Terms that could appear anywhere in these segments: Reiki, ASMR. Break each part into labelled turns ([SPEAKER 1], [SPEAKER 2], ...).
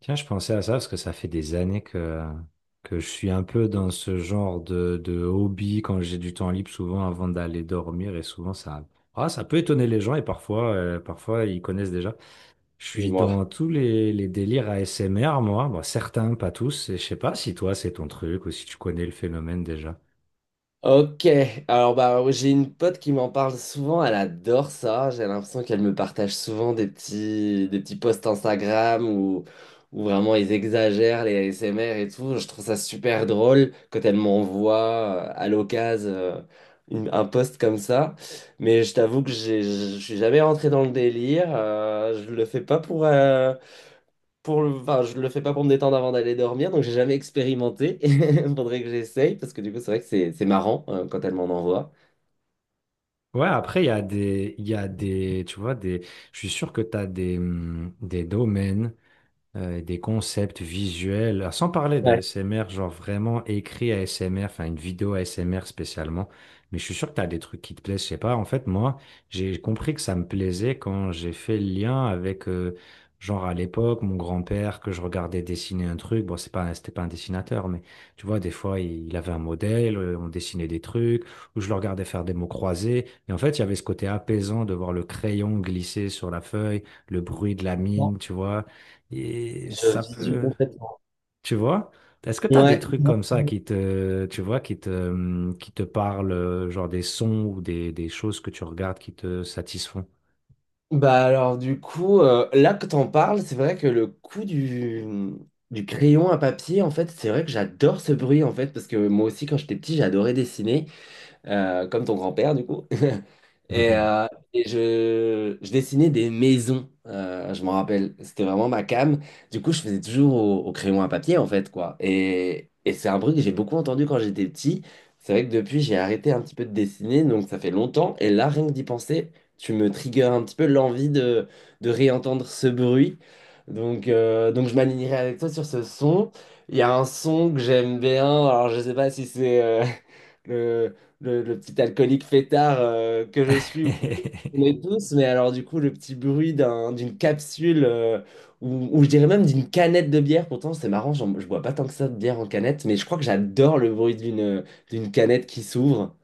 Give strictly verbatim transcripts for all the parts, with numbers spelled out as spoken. [SPEAKER 1] Tiens, je pensais à ça parce que ça fait des années que, que je suis un peu dans ce genre de, de hobby quand j'ai du temps libre, souvent avant d'aller dormir. Et souvent, ça, ah, ça peut étonner les gens et parfois, euh, parfois ils connaissent déjà. Je suis
[SPEAKER 2] Dis-moi.
[SPEAKER 1] dans tous les, les délires A S M R, moi. Bon, certains, pas tous. Et je sais pas si toi, c'est ton truc ou si tu connais le phénomène déjà.
[SPEAKER 2] Ok, alors bah j'ai une pote qui m'en parle souvent, elle adore ça, j'ai l'impression qu'elle me partage souvent des petits, des petits posts Instagram où, où vraiment ils exagèrent les A S M R et tout, je trouve ça super drôle quand elle m'envoie euh, à l'occasion euh, une- un post comme ça, mais je t'avoue que j'ai- je je suis jamais rentré dans le délire, euh, je le fais pas pour, euh, pour le... Enfin, Je le fais pas pour me détendre avant d'aller dormir, donc j'ai jamais expérimenté. Il faudrait que j'essaye, parce que du coup, c'est vrai que c'est c'est marrant euh, quand elle m'en envoie.
[SPEAKER 1] Ouais, après, il y a des, il y a des, tu vois, des, je suis sûr que tu as des, hum, des domaines, euh, des concepts visuels, ah, sans parler
[SPEAKER 2] Ouais.
[SPEAKER 1] d'A S M R, genre vraiment écrit A S M R, enfin une vidéo A S M R spécialement. Mais je suis sûr que tu as des trucs qui te plaisent, je sais pas. En fait, moi, j'ai compris que ça me plaisait quand j'ai fait le lien avec, euh, genre à l'époque, mon grand-père, que je regardais dessiner un truc. Bon, c'est pas, c'était pas un dessinateur, mais tu vois, des fois, il, il avait un modèle, euh, on dessinait des trucs, ou je le regardais faire des mots croisés. Et en fait, il y avait ce côté apaisant de voir le crayon glisser sur la feuille, le bruit de la
[SPEAKER 2] Non.
[SPEAKER 1] mine, tu vois. Et
[SPEAKER 2] Je
[SPEAKER 1] ça
[SPEAKER 2] visu
[SPEAKER 1] peut,
[SPEAKER 2] complètement.
[SPEAKER 1] tu vois? Est-ce que tu as des
[SPEAKER 2] Ouais.
[SPEAKER 1] trucs comme ça qui te, tu vois, qui te, hum, qui te parlent, euh, genre des sons ou des, des choses que tu regardes qui te satisfont?
[SPEAKER 2] Bah alors du coup, euh, là que t'en parles, c'est vrai que le coup du, du crayon à papier, en fait, c'est vrai que j'adore ce bruit, en fait, parce que moi aussi, quand j'étais petit, j'adorais dessiner, euh, comme ton grand-père, du coup. Et, euh, et je, je dessinais des maisons, euh, je m'en rappelle. C'était vraiment ma came. Du coup, je faisais toujours au, au crayon à papier, en fait, quoi. Et, et c'est un bruit que j'ai beaucoup entendu quand j'étais petit. C'est vrai que depuis, j'ai arrêté un petit peu de dessiner, donc ça fait longtemps. Et là, rien que d'y penser, tu me triggers un petit peu l'envie de, de réentendre ce bruit. Donc, euh, donc je m'alignerai avec toi sur ce son. Il y a un son que j'aime bien. Alors, je sais pas si c'est... euh, le, le, le petit alcoolique fêtard euh, que je suis ou qu'on qu'on est tous, mais alors du coup le petit bruit d'un- d'une capsule euh, ou, ou je dirais même d'une canette de bière, pourtant c'est marrant, j'en- je bois pas tant que ça de bière en canette, mais je crois que j'adore le bruit d'une d'une canette qui s'ouvre.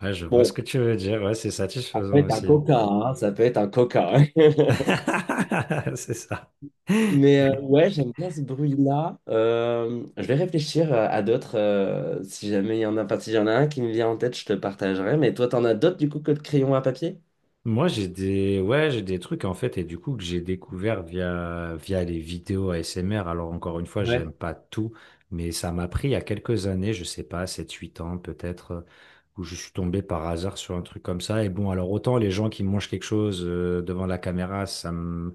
[SPEAKER 1] Ouais, je vois ce
[SPEAKER 2] Bon,
[SPEAKER 1] que tu veux dire. Ouais, c'est
[SPEAKER 2] ça peut
[SPEAKER 1] satisfaisant
[SPEAKER 2] être un
[SPEAKER 1] aussi.
[SPEAKER 2] coca, hein, ça peut être un coca, hein.
[SPEAKER 1] C'est ça.
[SPEAKER 2] Mais euh, ouais, j'aime bien ce bruit-là. Euh, je vais réfléchir à, à d'autres euh, si jamais il y en a, enfin, si y en a un qui me vient en tête, je te partagerai. Mais toi, t'en as d'autres du coup que le crayon à papier?
[SPEAKER 1] Moi, j'ai des, ouais, j'ai des trucs en fait, et du coup, que j'ai découvert via, via les vidéos A S M R. Alors, encore une fois,
[SPEAKER 2] Ouais,
[SPEAKER 1] j'aime pas tout, mais ça m'a pris il y a quelques années, je sais pas, sept huit ans peut-être, euh, où je suis tombé par hasard sur un truc comme ça. Et bon, alors, autant les gens qui mangent quelque chose, euh, devant la caméra, ça me,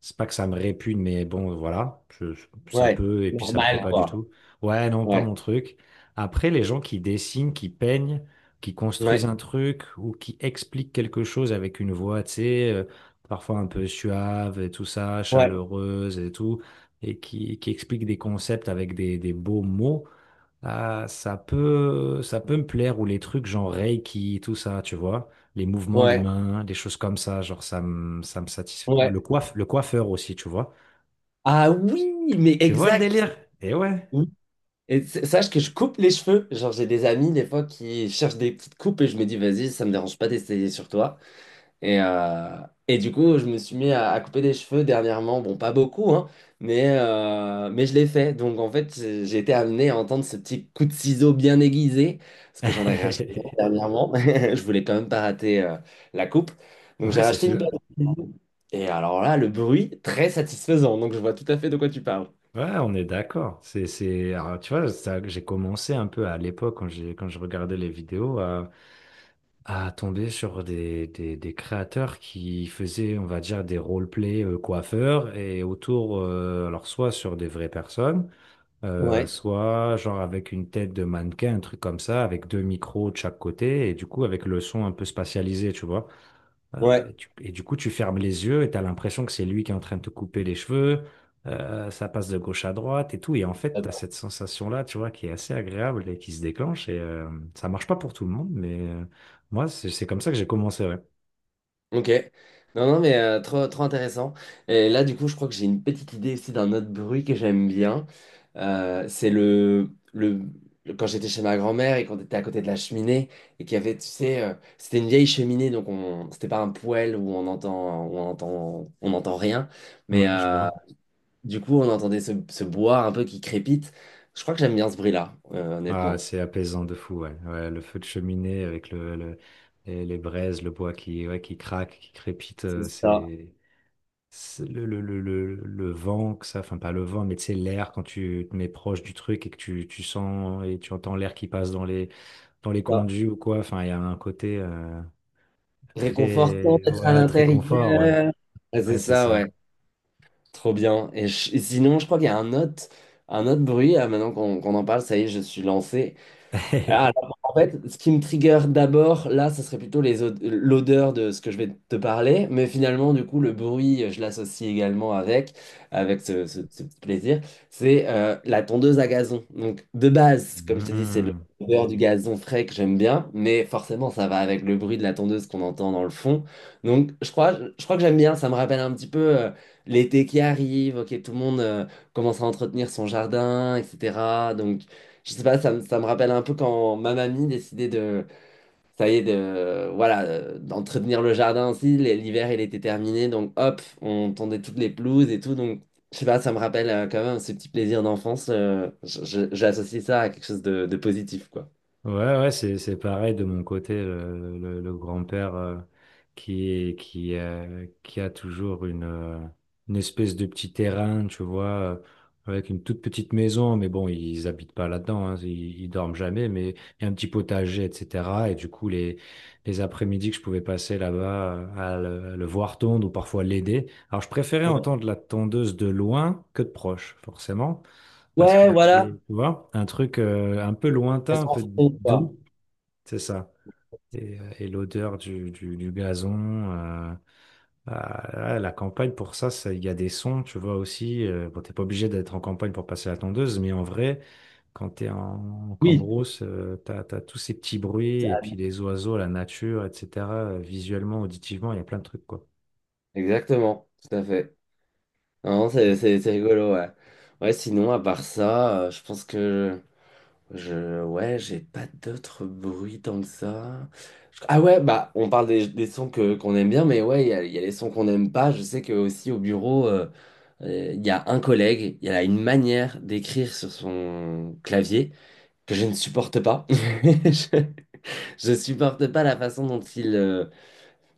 [SPEAKER 1] c'est pas que ça me répugne, mais bon, voilà, je- ça
[SPEAKER 2] ouais,
[SPEAKER 1] peut, et puis ça me plaît
[SPEAKER 2] normal,
[SPEAKER 1] pas du
[SPEAKER 2] quoi.
[SPEAKER 1] tout. Ouais, non, pas
[SPEAKER 2] Ouais,
[SPEAKER 1] mon truc. Après, les gens qui dessinent, qui peignent, qui construisent
[SPEAKER 2] ouais,
[SPEAKER 1] un truc ou qui expliquent quelque chose avec une voix, tu sais, euh, parfois un peu suave et tout ça,
[SPEAKER 2] ouais,
[SPEAKER 1] chaleureuse et tout, et qui, qui expliquent des concepts avec des, des, beaux mots, ah, ça peut, ça peut me plaire, ou les trucs genre Reiki, tout ça, tu vois, les mouvements de
[SPEAKER 2] ouais,
[SPEAKER 1] main, des choses comme ça, genre ça me, ça me satisfait. Le
[SPEAKER 2] ouais.
[SPEAKER 1] coiffe, le coiffeur aussi, tu vois.
[SPEAKER 2] Ah oui, mais
[SPEAKER 1] Tu vois le
[SPEAKER 2] exact.
[SPEAKER 1] délire? Eh ouais.
[SPEAKER 2] Oui. Et s- sache que je coupe les cheveux. Genre, j'ai des amis, des fois, qui cherchent des petites coupes et je me dis, vas-y, ça me dérange pas d'essayer sur toi. Et, euh, et du coup, je me suis mis à, à couper des cheveux dernièrement. Bon, pas beaucoup, hein, mais, euh, mais je l'ai fait. Donc, en fait, j'ai j'ai été amené à entendre ce petit coup de ciseau bien aiguisé, parce que j'en ai racheté un dernièrement. Je voulais quand même pas rater euh, la coupe. Donc,
[SPEAKER 1] Ouais,
[SPEAKER 2] j'ai
[SPEAKER 1] c'est
[SPEAKER 2] racheté une
[SPEAKER 1] sûr.
[SPEAKER 2] paire de ciseaux. Et alors là, le bruit, très satisfaisant. Donc, je vois tout à fait de quoi tu parles.
[SPEAKER 1] Ouais, on est d'accord. C'est, c'est, alors, tu vois, ça- j'ai commencé un peu à l'époque, quand j'ai, quand je regardais les vidéos, à, à tomber sur des, des, des créateurs qui faisaient, on va dire, des roleplay, euh, coiffeurs et autour, euh, alors soit sur des vraies personnes, Euh,
[SPEAKER 2] Ouais,
[SPEAKER 1] soit genre avec une tête de mannequin, un truc comme ça, avec deux micros de chaque côté, et du coup avec le son un peu spatialisé, tu vois. Euh,
[SPEAKER 2] ouais.
[SPEAKER 1] et, tu- et du coup, tu fermes les yeux et tu as l'impression que c'est lui qui est en train de te couper les cheveux, euh, ça passe de gauche à droite et tout, et en fait, tu as cette sensation-là, tu vois, qui est assez agréable et qui se déclenche, et euh, ça marche pas pour tout le monde, mais euh, moi, c'est c'est comme ça que j'ai commencé, ouais.
[SPEAKER 2] Ok. Non, non, mais euh, trop, trop intéressant. Et là, du coup, je crois que j'ai une petite idée aussi d'un autre bruit que j'aime bien. Euh, c'est le, le, le- quand j'étais chez ma grand-mère et qu'on était à côté de la cheminée et qu'il y avait, tu sais, euh, c'était une vieille cheminée, donc on, c'était pas un poêle où on entend, où on entend, on n'entend rien. Mais
[SPEAKER 1] Ouais, je
[SPEAKER 2] euh,
[SPEAKER 1] vois.
[SPEAKER 2] du coup, on entendait ce, ce bois un peu qui crépite. Je crois que j'aime bien ce bruit-là, euh,
[SPEAKER 1] Ah,
[SPEAKER 2] honnêtement.
[SPEAKER 1] c'est apaisant de fou, ouais. Ouais, le feu de cheminée avec le, le- les, les, braises, le bois qui, ouais, qui craque, qui crépite,
[SPEAKER 2] C'est
[SPEAKER 1] euh,
[SPEAKER 2] ça,
[SPEAKER 1] c'est c'est le, le, le, le, le vent que ça, enfin pas le vent, mais tu sais, l'air quand tu te mets proche du truc et que tu, tu sens et tu entends l'air qui passe dans les, dans les
[SPEAKER 2] ça.
[SPEAKER 1] conduits ou quoi, enfin il y a un côté, euh,
[SPEAKER 2] Réconfortant
[SPEAKER 1] très,
[SPEAKER 2] d'être à
[SPEAKER 1] ouais, très confort, ouais.
[SPEAKER 2] l'intérieur. Ah,
[SPEAKER 1] Ouais,
[SPEAKER 2] c'est
[SPEAKER 1] c'est
[SPEAKER 2] ça, ouais.
[SPEAKER 1] ça.
[SPEAKER 2] Trop bien. Et, je- et sinon, je crois qu'il y a un autre, un autre bruit. Ah, maintenant qu'on qu'on en parle, ça y est, je suis lancé. Ah, alors, en fait, ce qui me trigger d'abord, là, ce serait plutôt les od- l'odeur de ce que je vais te parler, mais finalement, du coup, le bruit, je l'associe également avec, avec ce, ce- ce petit plaisir, c'est euh, la tondeuse à gazon. Donc, de base, comme je te dis, c'est le-
[SPEAKER 1] Hmm.
[SPEAKER 2] l'odeur du gazon frais que j'aime bien, mais forcément, ça va avec le bruit de la tondeuse qu'on entend dans le fond. Donc, je crois, je crois que j'aime bien, ça me rappelle un petit peu euh, l'été qui arrive, ok, tout le monde euh, commence à entretenir son jardin, et cetera. Donc, je sais pas, ça me, ça me rappelle un peu quand ma mamie décidait de, ça y est, de, voilà, euh, d'entretenir le jardin aussi. Les- L'hiver, il était terminé, donc hop, on tendait toutes les pelouses et tout. Donc, je sais pas, ça me rappelle euh, quand même ce petit plaisir d'enfance, euh, je- je- j'associe ça à quelque chose de, de positif, quoi.
[SPEAKER 1] Ouais, ouais, c'est, c'est pareil de mon côté, le, le- le grand-père, euh, qui, qui, euh, qui a toujours une, euh, une espèce de petit terrain, tu vois, euh, avec une toute petite maison, mais bon, ils habitent pas là-dedans, hein, ils, ils dorment jamais, mais il y a un petit potager, et cetera. Et du coup, les, les après-midi que je pouvais passer là-bas, euh, à le, à le voir tondre ou parfois l'aider. Alors, je préférais
[SPEAKER 2] Ouais.
[SPEAKER 1] entendre la tondeuse de loin que de proche, forcément. Parce qu'il
[SPEAKER 2] Ouais,
[SPEAKER 1] y
[SPEAKER 2] voilà.
[SPEAKER 1] avait, tu vois, un truc, euh, un peu
[SPEAKER 2] Elles
[SPEAKER 1] lointain, un
[SPEAKER 2] s'en
[SPEAKER 1] peu
[SPEAKER 2] font, quoi.
[SPEAKER 1] doux, c'est ça. Et, euh, et l'odeur du, du, du, gazon, euh, ah, la campagne, pour ça, ça- il y a des sons, tu vois aussi. Euh, bon, t'es pas obligé d'être en campagne pour passer la tondeuse, mais en vrai, quand t'es en, en
[SPEAKER 2] Oui.
[SPEAKER 1] cambrousse, euh, t'as, t'as tous ces petits bruits, et puis les oiseaux, la nature, et cetera euh, Visuellement, auditivement, il y a plein de trucs, quoi.
[SPEAKER 2] Exactement, tout à fait. Non, c'est c'est- c'est rigolo, ouais. Ouais, sinon, à part ça, euh, je pense que... Je, Ouais, j'ai pas d'autres bruits tant que ça. Je- Ah ouais, bah, on parle des, des sons que, qu'on aime bien, mais ouais, il y a, il y a les sons qu'on n'aime pas. Je sais que aussi au bureau, euh, euh, il y a un collègue, il a une manière d'écrire sur son clavier que je ne supporte pas. Je, je supporte pas la façon dont il, euh,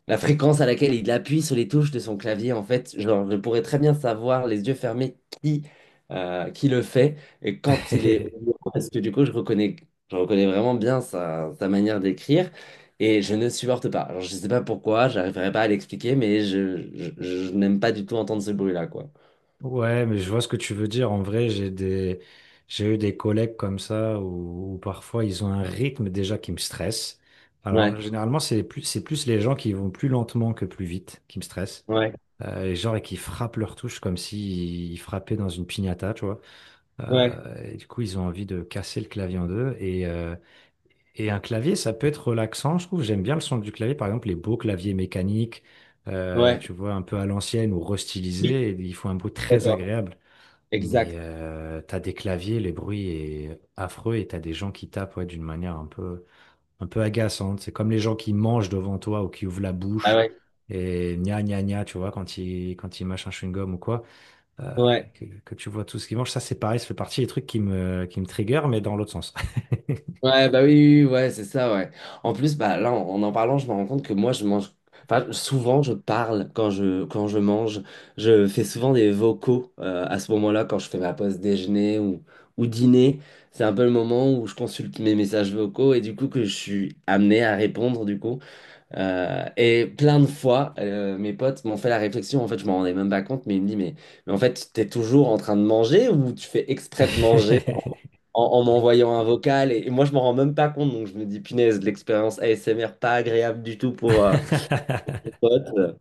[SPEAKER 2] la fréquence à laquelle il appuie sur les touches de son clavier, en fait, genre, je pourrais très bien savoir, les yeux fermés, qui, euh, qui le fait et quand il est au bureau, parce que du coup, je reconnais, je reconnais vraiment bien sa, sa manière d'écrire et je ne supporte pas. Alors, je ne sais pas pourquoi, j'arriverai pas à l'expliquer, mais je, je, je n'aime pas du tout entendre ce bruit-là, quoi.
[SPEAKER 1] Ouais, mais je vois ce que tu veux dire. En vrai, j'ai des, j'ai eu des collègues comme ça où, où parfois ils ont un rythme déjà qui me stresse. Alors,
[SPEAKER 2] Ouais,
[SPEAKER 1] généralement, c'est plus, c'est plus les gens qui vont plus lentement que plus vite qui me stressent.
[SPEAKER 2] ouais,
[SPEAKER 1] Euh, et genre, et qui frappent leur touche comme s'ils ils frappaient dans une piñata, tu vois.
[SPEAKER 2] ouais,
[SPEAKER 1] Euh, et du coup, ils ont envie de casser le clavier en deux. Et, euh, et un clavier, ça peut être relaxant, je trouve. J'aime bien le son du clavier. Par exemple, les beaux claviers mécaniques, euh,
[SPEAKER 2] ouais.
[SPEAKER 1] tu vois, un peu à l'ancienne ou
[SPEAKER 2] Oui,
[SPEAKER 1] restylisés, et ils font un bruit
[SPEAKER 2] je suis
[SPEAKER 1] très
[SPEAKER 2] d'accord.
[SPEAKER 1] agréable. Mais
[SPEAKER 2] Exact.
[SPEAKER 1] euh, t'as des claviers, les bruits est affreux et t'as des gens qui tapent ouais, d'une manière un peu, un peu, agaçante. C'est comme les gens qui mangent devant toi ou qui ouvrent la
[SPEAKER 2] Ah
[SPEAKER 1] bouche
[SPEAKER 2] ouais,
[SPEAKER 1] et gna gna gna, tu vois, quand ils, quand ils mâchent un chewing-gum ou quoi, euh,
[SPEAKER 2] ouais.
[SPEAKER 1] que, que tu vois tout ce qu'ils mangent. Ça, c'est pareil, ça fait partie des trucs qui me, qui me trigger, mais dans l'autre sens.
[SPEAKER 2] Ouais, bah oui, oui, oui, ouais, c'est ça, ouais. En plus, bah là, en, en en parlant, je me rends compte que moi, je mange. Enfin, souvent, je parle quand je, quand je mange. Je fais souvent des vocaux euh, à ce moment-là, quand je fais ma pause déjeuner ou, ou dîner. C'est un peu le moment où je consulte mes messages vocaux et du coup que je suis amené à répondre, du coup. Euh, et plein de fois, euh, mes potes m'ont fait la réflexion. En fait, je m'en rendais même pas compte, mais ils me disent, mais, mais en fait, t'es toujours en train de manger ou tu fais exprès de manger? en, en m'envoyant un vocal. Et, et moi, je m'en rends même pas compte. Donc, je me dis, punaise, de l'expérience A S M R, pas agréable du tout pour euh, mon pote,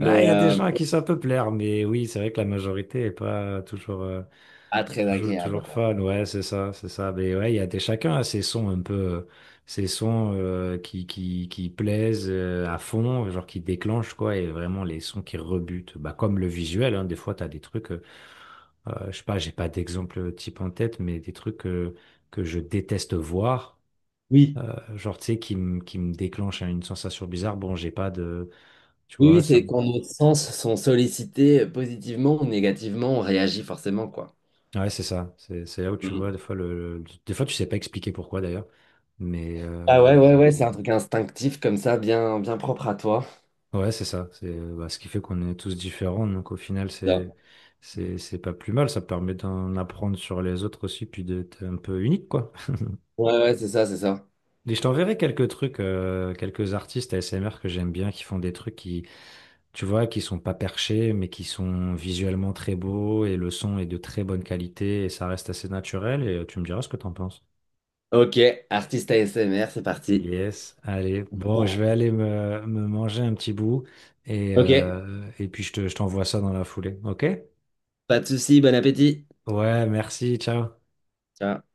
[SPEAKER 1] Ouais, il y a des
[SPEAKER 2] euh,
[SPEAKER 1] gens à qui ça peut plaire, mais oui, c'est vrai que la majorité est pas toujours, euh,
[SPEAKER 2] pas très
[SPEAKER 1] toujours,
[SPEAKER 2] agréable,
[SPEAKER 1] toujours
[SPEAKER 2] quoi.
[SPEAKER 1] fun, ouais, c'est ça, c'est ça. Mais ouais, il y a des, chacun a ses sons un peu, euh, ses sons euh, qui, qui, qui plaisent, euh, à fond, genre qui déclenchent, quoi, et vraiment les sons qui rebutent. Bah, comme le visuel, hein, des fois, t'as des trucs, euh, euh, je sais pas, j'ai pas d'exemple type en tête, mais des trucs, euh, que je déteste voir,
[SPEAKER 2] Oui,
[SPEAKER 1] euh, genre, tu sais, qui me qui me déclenchent une sensation bizarre. Bon, j'ai pas de, tu
[SPEAKER 2] oui,
[SPEAKER 1] vois,
[SPEAKER 2] oui,
[SPEAKER 1] ça.
[SPEAKER 2] c'est
[SPEAKER 1] me-
[SPEAKER 2] quand nos sens sont sollicités euh, positivement ou négativement, on réagit forcément, quoi.
[SPEAKER 1] Ouais, c'est ça. C'est c'est là où tu vois, des
[SPEAKER 2] Mhm.
[SPEAKER 1] fois, le, le- des fois, tu sais pas expliquer pourquoi d'ailleurs. Mais,
[SPEAKER 2] Ah
[SPEAKER 1] euh,
[SPEAKER 2] ouais, ouais, ouais, c'est un truc instinctif comme ça, bien, bien propre à toi.
[SPEAKER 1] Ouais, c'est ça. C'est, euh, bah, ce qui fait qu'on est tous différents. Donc au final,
[SPEAKER 2] Ça.
[SPEAKER 1] c'est c'est c'est pas plus mal. Ça permet d'en apprendre sur les autres aussi, puis d'être un peu unique, quoi.
[SPEAKER 2] Ouais, ouais, c'est ça, c'est ça.
[SPEAKER 1] Et je t'enverrai quelques trucs, euh, quelques artistes A S M R que j'aime bien, qui font des trucs qui, tu vois, qui sont pas perchés, mais qui sont visuellement très beaux et le son est de très bonne qualité et ça reste assez naturel. Et euh, tu me diras ce que t'en penses.
[SPEAKER 2] Ok, artiste A S M R, c'est parti.
[SPEAKER 1] Yes, allez. Bon,
[SPEAKER 2] Bon.
[SPEAKER 1] je vais aller me, me manger un petit bout et
[SPEAKER 2] Ok,
[SPEAKER 1] euh, et puis je te, je t'envoie ça dans la foulée, ok?
[SPEAKER 2] pas de souci, bon appétit.
[SPEAKER 1] Ouais, merci, ciao.
[SPEAKER 2] Ciao.